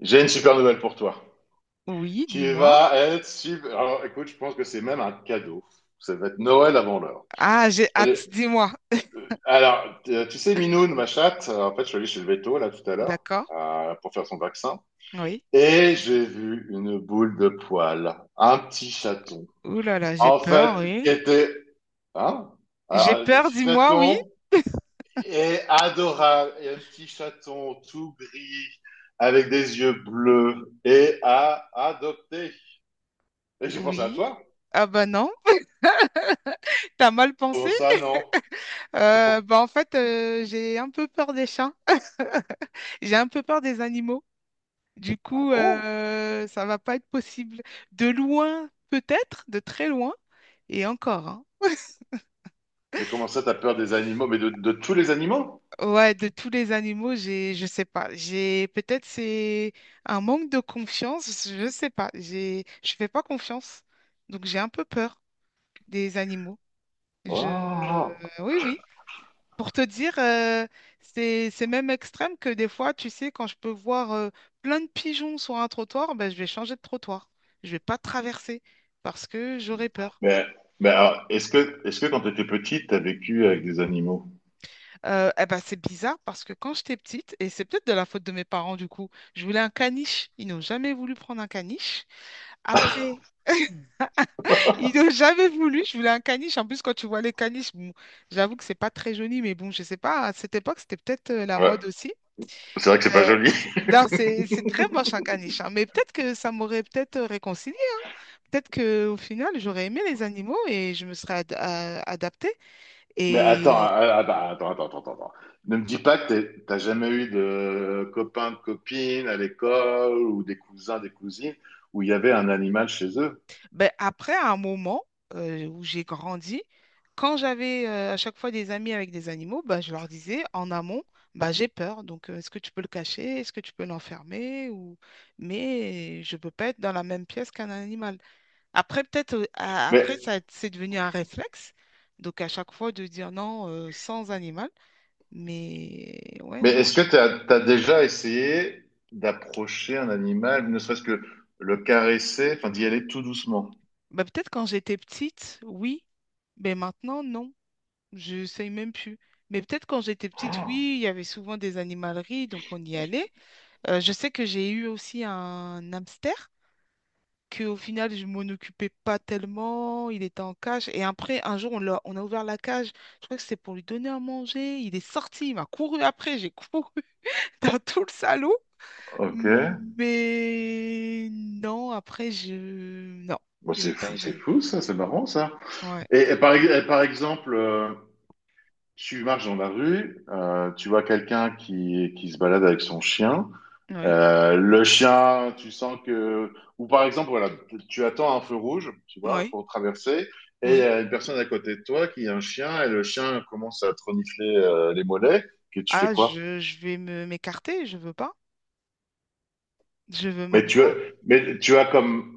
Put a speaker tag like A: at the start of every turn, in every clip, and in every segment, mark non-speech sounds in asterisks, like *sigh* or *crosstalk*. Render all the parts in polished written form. A: J'ai une super nouvelle pour toi.
B: Oui,
A: Tu
B: dis-moi.
A: vas être super. Alors, écoute, je pense que c'est même un cadeau. Ça va être Noël avant l'heure.
B: Ah, j'ai
A: Je suis allé-
B: hâte, dis-moi.
A: Alors, tu sais, Minoune, ma chatte, en fait, je suis allé chez le veto, là, tout à l'heure,
B: D'accord,
A: pour faire son vaccin.
B: oui.
A: Et j'ai vu une boule de poil, un petit chaton.
B: Ouh là là, j'ai
A: En fait,
B: peur,
A: qui
B: oui.
A: était, hein?
B: J'ai
A: Alors, le
B: peur,
A: petit
B: dis-moi, oui.
A: chaton est adorable. Et un petit chaton tout gris, avec des yeux bleus, et à adopter. Et j'ai pensé à
B: Oui.
A: toi.
B: Ah bah non, *laughs* t'as mal pensé.
A: Comment ça, non? *laughs*
B: Bah en fait, j'ai un peu peur des chats. J'ai un peu peur des animaux. Du coup,
A: Oh,
B: ça va pas être possible. De loin, peut-être, de très loin. Et encore, hein.
A: mais comment ça, t'as peur des animaux? Mais de tous les animaux?
B: Ouais, de tous les animaux, j'ai, je sais pas, j'ai peut-être c'est un manque de confiance, je sais pas, j'ai, je fais pas confiance, donc j'ai un peu peur des animaux. Je,
A: Oh.
B: oui, oui. Pour te dire, c'est même extrême que des fois, tu sais, quand je peux voir plein de pigeons sur un trottoir, ben, je vais changer de trottoir, je vais pas traverser parce que j'aurais peur.
A: Mais, mais alors, est-ce que quand t'étais petite, t'as vécu avec des animaux?
B: Eh ben, c'est bizarre parce que quand j'étais petite, et c'est peut-être de la faute de mes parents du coup, je voulais un caniche. Ils n'ont jamais voulu prendre un caniche. Après, *laughs* ils n'ont jamais voulu. Je voulais un caniche. En plus, quand tu vois les caniches, bon, j'avoue que c'est pas très joli, mais bon, je sais pas. À cette époque, c'était peut-être la
A: Ouais,
B: mode aussi.
A: c'est vrai que c'est pas
B: Euh,
A: joli. *laughs*
B: non, c'est très moche un caniche, hein, mais peut-être que ça m'aurait peut-être réconcilié. Peut-être que au final, j'aurais aimé les animaux et je me serais adaptée.
A: Mais attends, ah, ah, bah, attends, attends, attends, attends. Ne me dis pas que t'as jamais eu de copains, de copines à l'école ou des cousins, des cousines où il y avait un animal chez eux.
B: Ben, après, à un moment où j'ai grandi, quand j'avais à chaque fois des amis avec des animaux, ben, je leur disais en amont, ben, j'ai peur, donc est-ce que tu peux le cacher? Est-ce que tu peux l'enfermer? Ou... Mais je ne peux pas être dans la même pièce qu'un animal. Après, peut-être, après,
A: Mais
B: ça, c'est devenu un réflexe. Donc, à chaque fois, de dire non sans animal. Mais ouais,
A: Mais
B: non.
A: est-ce que tu as déjà essayé d'approcher un animal, ne serait-ce que le caresser, enfin d'y aller tout doucement?
B: Ben, peut-être quand j'étais petite, oui. Mais maintenant, non. Je sais même plus. Mais peut-être quand j'étais petite,
A: Oh,
B: oui, il y avait souvent des animaleries, donc on y allait. Je sais que j'ai eu aussi un hamster, que au final, je m'en occupais pas tellement, il était en cage. Et après, un jour, on a ouvert la cage, je crois que c'était pour lui donner à manger. Il est sorti, il m'a couru après, j'ai couru *laughs* dans tout le salon.
A: ok.
B: Mais non, après, je... Non,
A: Bon,
B: j'ai pas eu
A: c'est
B: d'animal.
A: fou ça, c'est marrant ça.
B: Ouais,
A: Et par exemple, tu marches dans la rue, tu vois quelqu'un qui se balade avec son chien.
B: oui,
A: Le chien, tu sens que... Ou par exemple, voilà, tu attends un feu rouge, tu vois,
B: oui,
A: pour traverser, et il y
B: oui.
A: a une personne à côté de toi qui a un chien, et le chien commence à te renifler les mollets, que tu fais
B: Ah,
A: quoi?
B: je vais me m'écarter, je veux pas. Je veux
A: Mais
B: même
A: tu as,
B: pas.
A: mais tu as comme...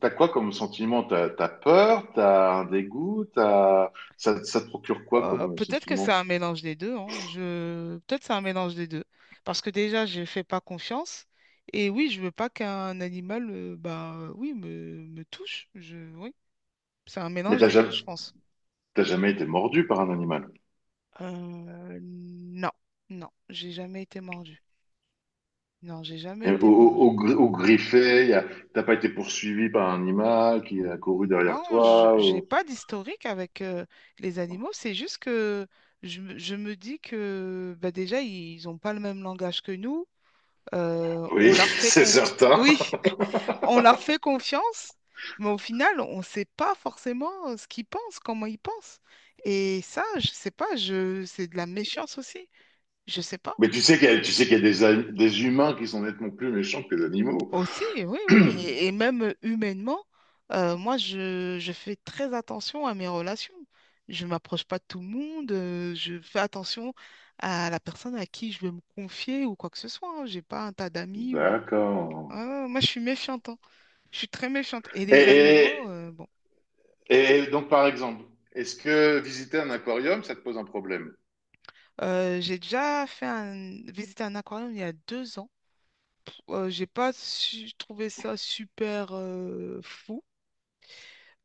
A: T'as quoi comme sentiment? T'as peur? T'as un dégoût? T'as... ça te procure quoi comme
B: Peut-être que c'est
A: sentiment?
B: un mélange des deux, hein. Je... Peut-être c'est un mélange des deux. Parce que déjà, je fais pas confiance. Et oui, je veux pas qu'un animal, oui, me touche. Je... Oui, c'est un
A: Mais
B: mélange
A: t'as
B: des deux,
A: jamais,
B: je pense.
A: t'as jamais été mordu par un animal.
B: Non, non, j'ai jamais été mordue. Non, j'ai jamais
A: Et au,
B: été
A: au, au
B: mordue.
A: gri- au griffé, t'as pas été poursuivi par un animal qui a couru derrière
B: Non, je
A: toi,
B: j'ai
A: ou-
B: pas d'historique avec les animaux. C'est juste que je me dis que bah, déjà, ils n'ont pas le même langage que nous. On
A: Oui,
B: leur
A: *laughs* c'est certain.
B: oui, *laughs* on leur fait confiance, mais au final, on ne sait pas forcément ce qu'ils pensent, comment ils pensent. Et ça, je sais pas, je c'est de la méfiance aussi. Je sais pas.
A: Mais tu sais qu'il y a, tu sais qu'il y a des humains qui sont nettement plus méchants que les animaux.
B: Aussi, oui, oui. Et
A: *clears throat*
B: même humainement, moi, je fais très attention à mes relations. Je m'approche pas de tout le monde, je fais attention à la personne à qui je veux me confier ou quoi que ce soit, hein. J'ai pas un tas d'amis ou...
A: D'accord.
B: Ah, moi, je suis méfiante, hein. Je suis très méchante. Et les animaux,
A: Et,
B: bon.
A: et donc, par exemple, est-ce que visiter un aquarium, ça te pose un problème?
B: J'ai déjà fait un... visiter un aquarium il y a deux ans. J'ai pas trouvé ça super fou.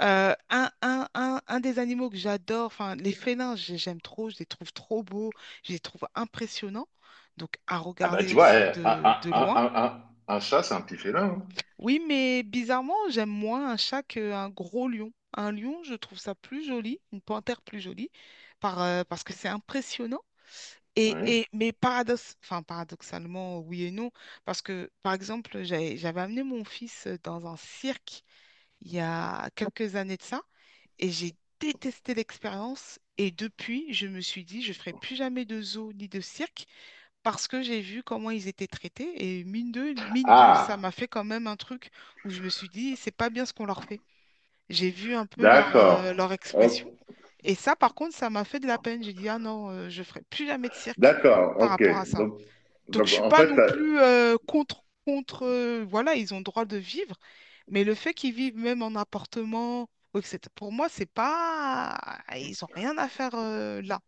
B: Un des animaux que j'adore, enfin les félins, j'aime trop, je les trouve trop beaux, je les trouve impressionnants, donc à
A: Ah bah
B: regarder
A: tu vois,
B: aussi
A: eh,
B: de loin.
A: un chat, c'est un petit félin, hein.
B: Oui, mais bizarrement, j'aime moins un chat qu'un gros lion. Un lion, je trouve ça plus joli, une panthère plus jolie, parce que c'est impressionnant.
A: Oui.
B: Et, mais paradoxe, enfin, paradoxalement, oui et non, parce que, par exemple, j'avais amené mon fils dans un cirque il y a quelques années de ça, et j'ai détesté l'expérience, et depuis, je me suis dit, je ferai plus jamais de zoo ni de cirque, parce que j'ai vu comment ils étaient traités, et mine de, ça
A: Ah,
B: m'a fait quand même un truc où je me suis dit, c'est pas bien ce qu'on leur fait. J'ai vu un peu
A: d'accord.
B: leur expression,
A: Oh.
B: et ça, par contre, ça m'a fait de la peine. J'ai dit, ah non, je ferai plus jamais de cirque
A: D'accord,
B: par
A: ok.
B: rapport à ça.
A: Donc,
B: Donc, je
A: donc,
B: suis
A: en
B: pas
A: fait,
B: non plus contre, voilà, ils ont le droit de vivre, mais le fait qu'ils vivent même en appartement, ou etc., pour moi, c'est pas, ils ont rien à faire là.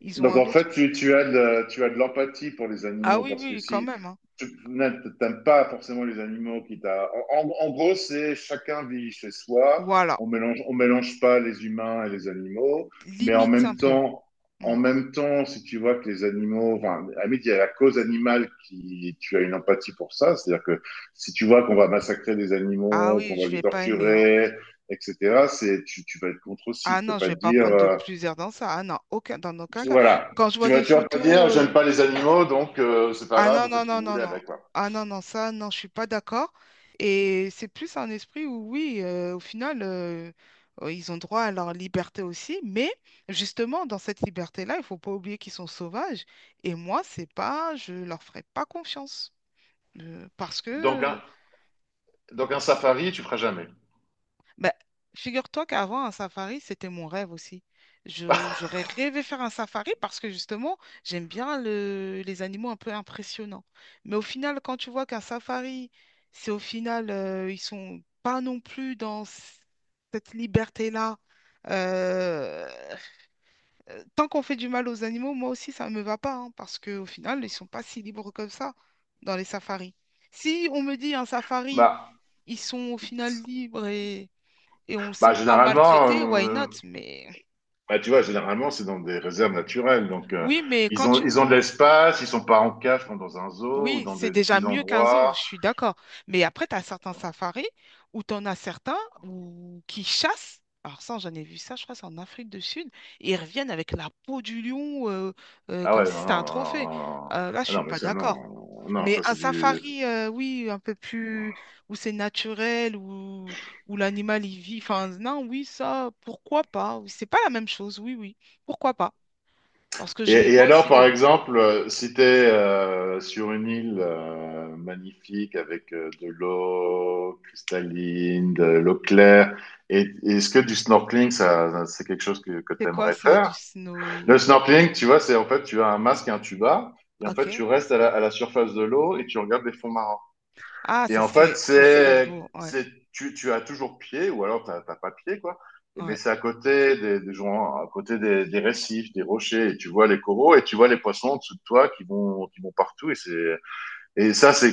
B: Ils ont
A: Donc
B: un
A: en fait,
B: autre.
A: tu as de l'empathie pour les
B: Ah
A: animaux.
B: oui,
A: Parce que
B: oui, quand
A: si
B: même, hein.
A: tu n'aimes pas forcément les animaux qui t'a... En, en gros, c'est chacun vit chez soi,
B: Voilà,
A: on mélange pas les humains et les animaux, mais
B: limite un peu.
A: en
B: Mm.
A: même temps, si tu vois que les animaux, enfin, à la limite, il y a la cause animale qui, tu as une empathie pour ça, c'est-à-dire que si tu vois qu'on va massacrer des
B: Ah
A: animaux,
B: oui,
A: qu'on va
B: je
A: les
B: vais pas aimer, hein.
A: torturer, etc., tu, tu vas être contre aussi,
B: Ah
A: tu vas
B: non, je
A: pas
B: vais
A: te
B: pas
A: dire,
B: prendre de plusieurs dans ça. Ah non, aucun, dans aucun
A: puis
B: cas.
A: voilà.
B: Quand je vois des
A: Tu vas pas dire,
B: photos,
A: j'aime pas les animaux, donc c'est pas
B: Ah
A: grave,
B: non,
A: vous faites ce que vous voulez
B: non.
A: avec. Quoi.
B: Ah non, non, ça, non, je suis pas d'accord. Et c'est plus un esprit où, oui, ils ont droit à leur liberté aussi, mais justement, dans cette liberté-là, il faut pas oublier qu'ils sont sauvages. Et moi, c'est pas, je leur ferai pas confiance. Parce
A: Donc, un,
B: que
A: donc un safari, tu feras jamais.
B: ben, figure-toi qu'avant, un safari, c'était mon rêve aussi. J'aurais rêvé faire un safari parce que justement, j'aime bien les animaux un peu impressionnants. Mais au final, quand tu vois qu'un safari, c'est au final, ils sont pas non plus dans cette liberté-là. Euh, tant qu'on fait du mal aux animaux, moi aussi, ça ne me va pas, hein, parce qu'au final, ils sont pas si libres comme ça dans les safaris. Si on me dit un safari,
A: Bah,
B: ils sont au final libres et on, si
A: bah
B: on pas
A: généralement,
B: maltraité, why
A: euh,
B: not? Mais
A: bah, tu vois, généralement, c'est dans des réserves naturelles. Donc,
B: oui, mais quand tu
A: ils
B: vois,
A: ont de l'espace, ils sont pas en cage comme dans un zoo ou
B: oui,
A: dans
B: c'est
A: des
B: déjà
A: petits
B: mieux qu'un zoo, je
A: endroits.
B: suis d'accord. Mais après, tu en as certains où... qui chassent. Alors ça, j'en ai vu ça, je crois, c'est en Afrique du Sud. Et ils reviennent avec la peau du lion
A: Ah
B: comme
A: ouais,
B: si
A: non,
B: c'était
A: non,
B: un
A: non,
B: trophée.
A: non, non.
B: Là, je
A: Ah
B: suis
A: non, mais
B: pas
A: ça,
B: d'accord.
A: non, non,
B: Mais
A: ça
B: un
A: c'est du,
B: safari, oui, un peu plus où c'est naturel, où l'animal y vit. Enfin, non, oui, ça, pourquoi pas? C'est pas la même chose, oui, oui, pourquoi pas? Parce que je les
A: Et
B: vois
A: alors,
B: aussi de
A: par
B: loin.
A: exemple, si tu es sur une île magnifique avec de l'eau cristalline, de l'eau claire, est-ce que du snorkeling, c'est quelque chose que tu
B: C'est quoi
A: aimerais
B: ça, du
A: faire? Le
B: snow?
A: snorkeling, tu vois, c'est en fait, tu as un masque et un tuba, et en
B: Ok.
A: fait, tu restes à la surface de l'eau et tu regardes les fonds marins.
B: Ah,
A: Et en fait,
B: ça serait beau. Ouais,
A: tu as toujours pied, ou alors t'as pas pied, quoi. Et mais
B: ouais,
A: c'est à côté des gens, à côté des récifs, des rochers, et tu vois les coraux, et tu vois les poissons en dessous de toi qui vont partout, et c'est, et ça, c'est,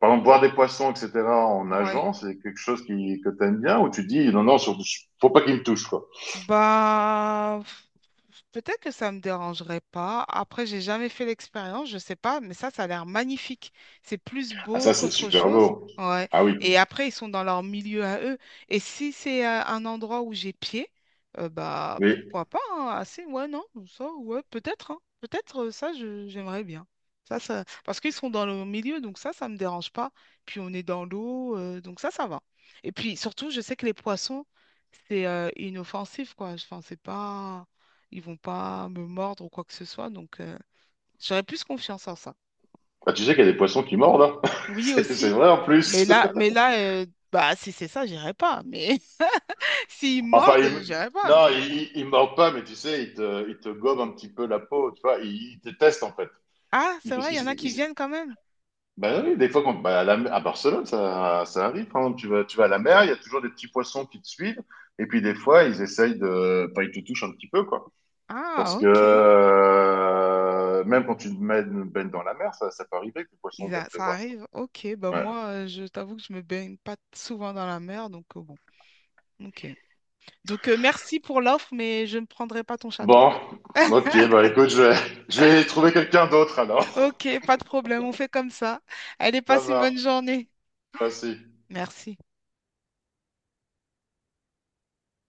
A: par exemple, voir des poissons, etc., en
B: ouais.
A: nageant, c'est quelque chose qui, que t'aimes bien, où tu dis, non, non, surtout, faut pas qu'ils me touchent, quoi.
B: Bah, pff, peut-être que ça me dérangerait pas. Après, j'ai jamais fait l'expérience, je sais pas, mais ça a l'air magnifique. C'est plus
A: Ah,
B: beau
A: ça, c'est
B: qu'autre
A: super
B: chose.
A: beau.
B: Ouais.
A: Ah oui.
B: Et après, ils sont dans leur milieu à eux. Et si c'est un endroit où j'ai pied, bah,
A: Mais,
B: pourquoi pas, hein, Assez, ouais, non, ça, ouais, peut-être, hein. Peut-être, ça, j'aimerais bien. Ça, parce qu'ils sont dans le milieu, donc ça me dérange pas. Puis on est dans l'eau, donc ça va. Et puis surtout, je sais que les poissons c'est inoffensif, quoi. Enfin, c'est pas... Ils vont pas me mordre ou quoi que ce soit. Donc, j'aurais plus confiance en ça.
A: bah, tu sais qu'il y a des poissons qui mordent, hein. *laughs*
B: Oui,
A: C'est
B: aussi.
A: vrai, en
B: Mais
A: plus.
B: là, bah, si c'est ça, j'irai pas. Mais *laughs* s'ils
A: Enfin,
B: mordent, j'irai pas.
A: non,
B: Mais...
A: il mord pas, mais tu sais, il te gobe un petit peu la peau, tu vois, il te teste en fait.
B: Ah,
A: Il,
B: c'est
A: parce
B: vrai, il
A: qu'il
B: y en
A: s-
B: a
A: il
B: qui
A: s-
B: viennent quand même.
A: bah oui, des fois, quand, bah, à Barcelone, ça arrive, par exemple, tu vas à la mer, il y a toujours des petits poissons qui te suivent, et puis des fois, ils essayent de, enfin, ils te touchent un petit peu, quoi. Parce
B: Ah,
A: que
B: ok.
A: même quand baignes dans la mer, ça peut arriver que le poisson vienne te
B: Ça
A: voir.
B: arrive. Ok, bah
A: Ouais.
B: moi, je t'avoue que je me baigne pas souvent dans la mer, donc bon. Ok. Donc, merci pour l'offre, mais je ne prendrai pas ton chaton.
A: Bon, ok, bah écoute, je vais, *laughs* je vais trouver quelqu'un d'autre alors.
B: Ok, pas de problème, on fait comme ça. Allez,
A: *laughs* Ça
B: passe une
A: marche,
B: bonne journée.
A: merci.
B: Merci.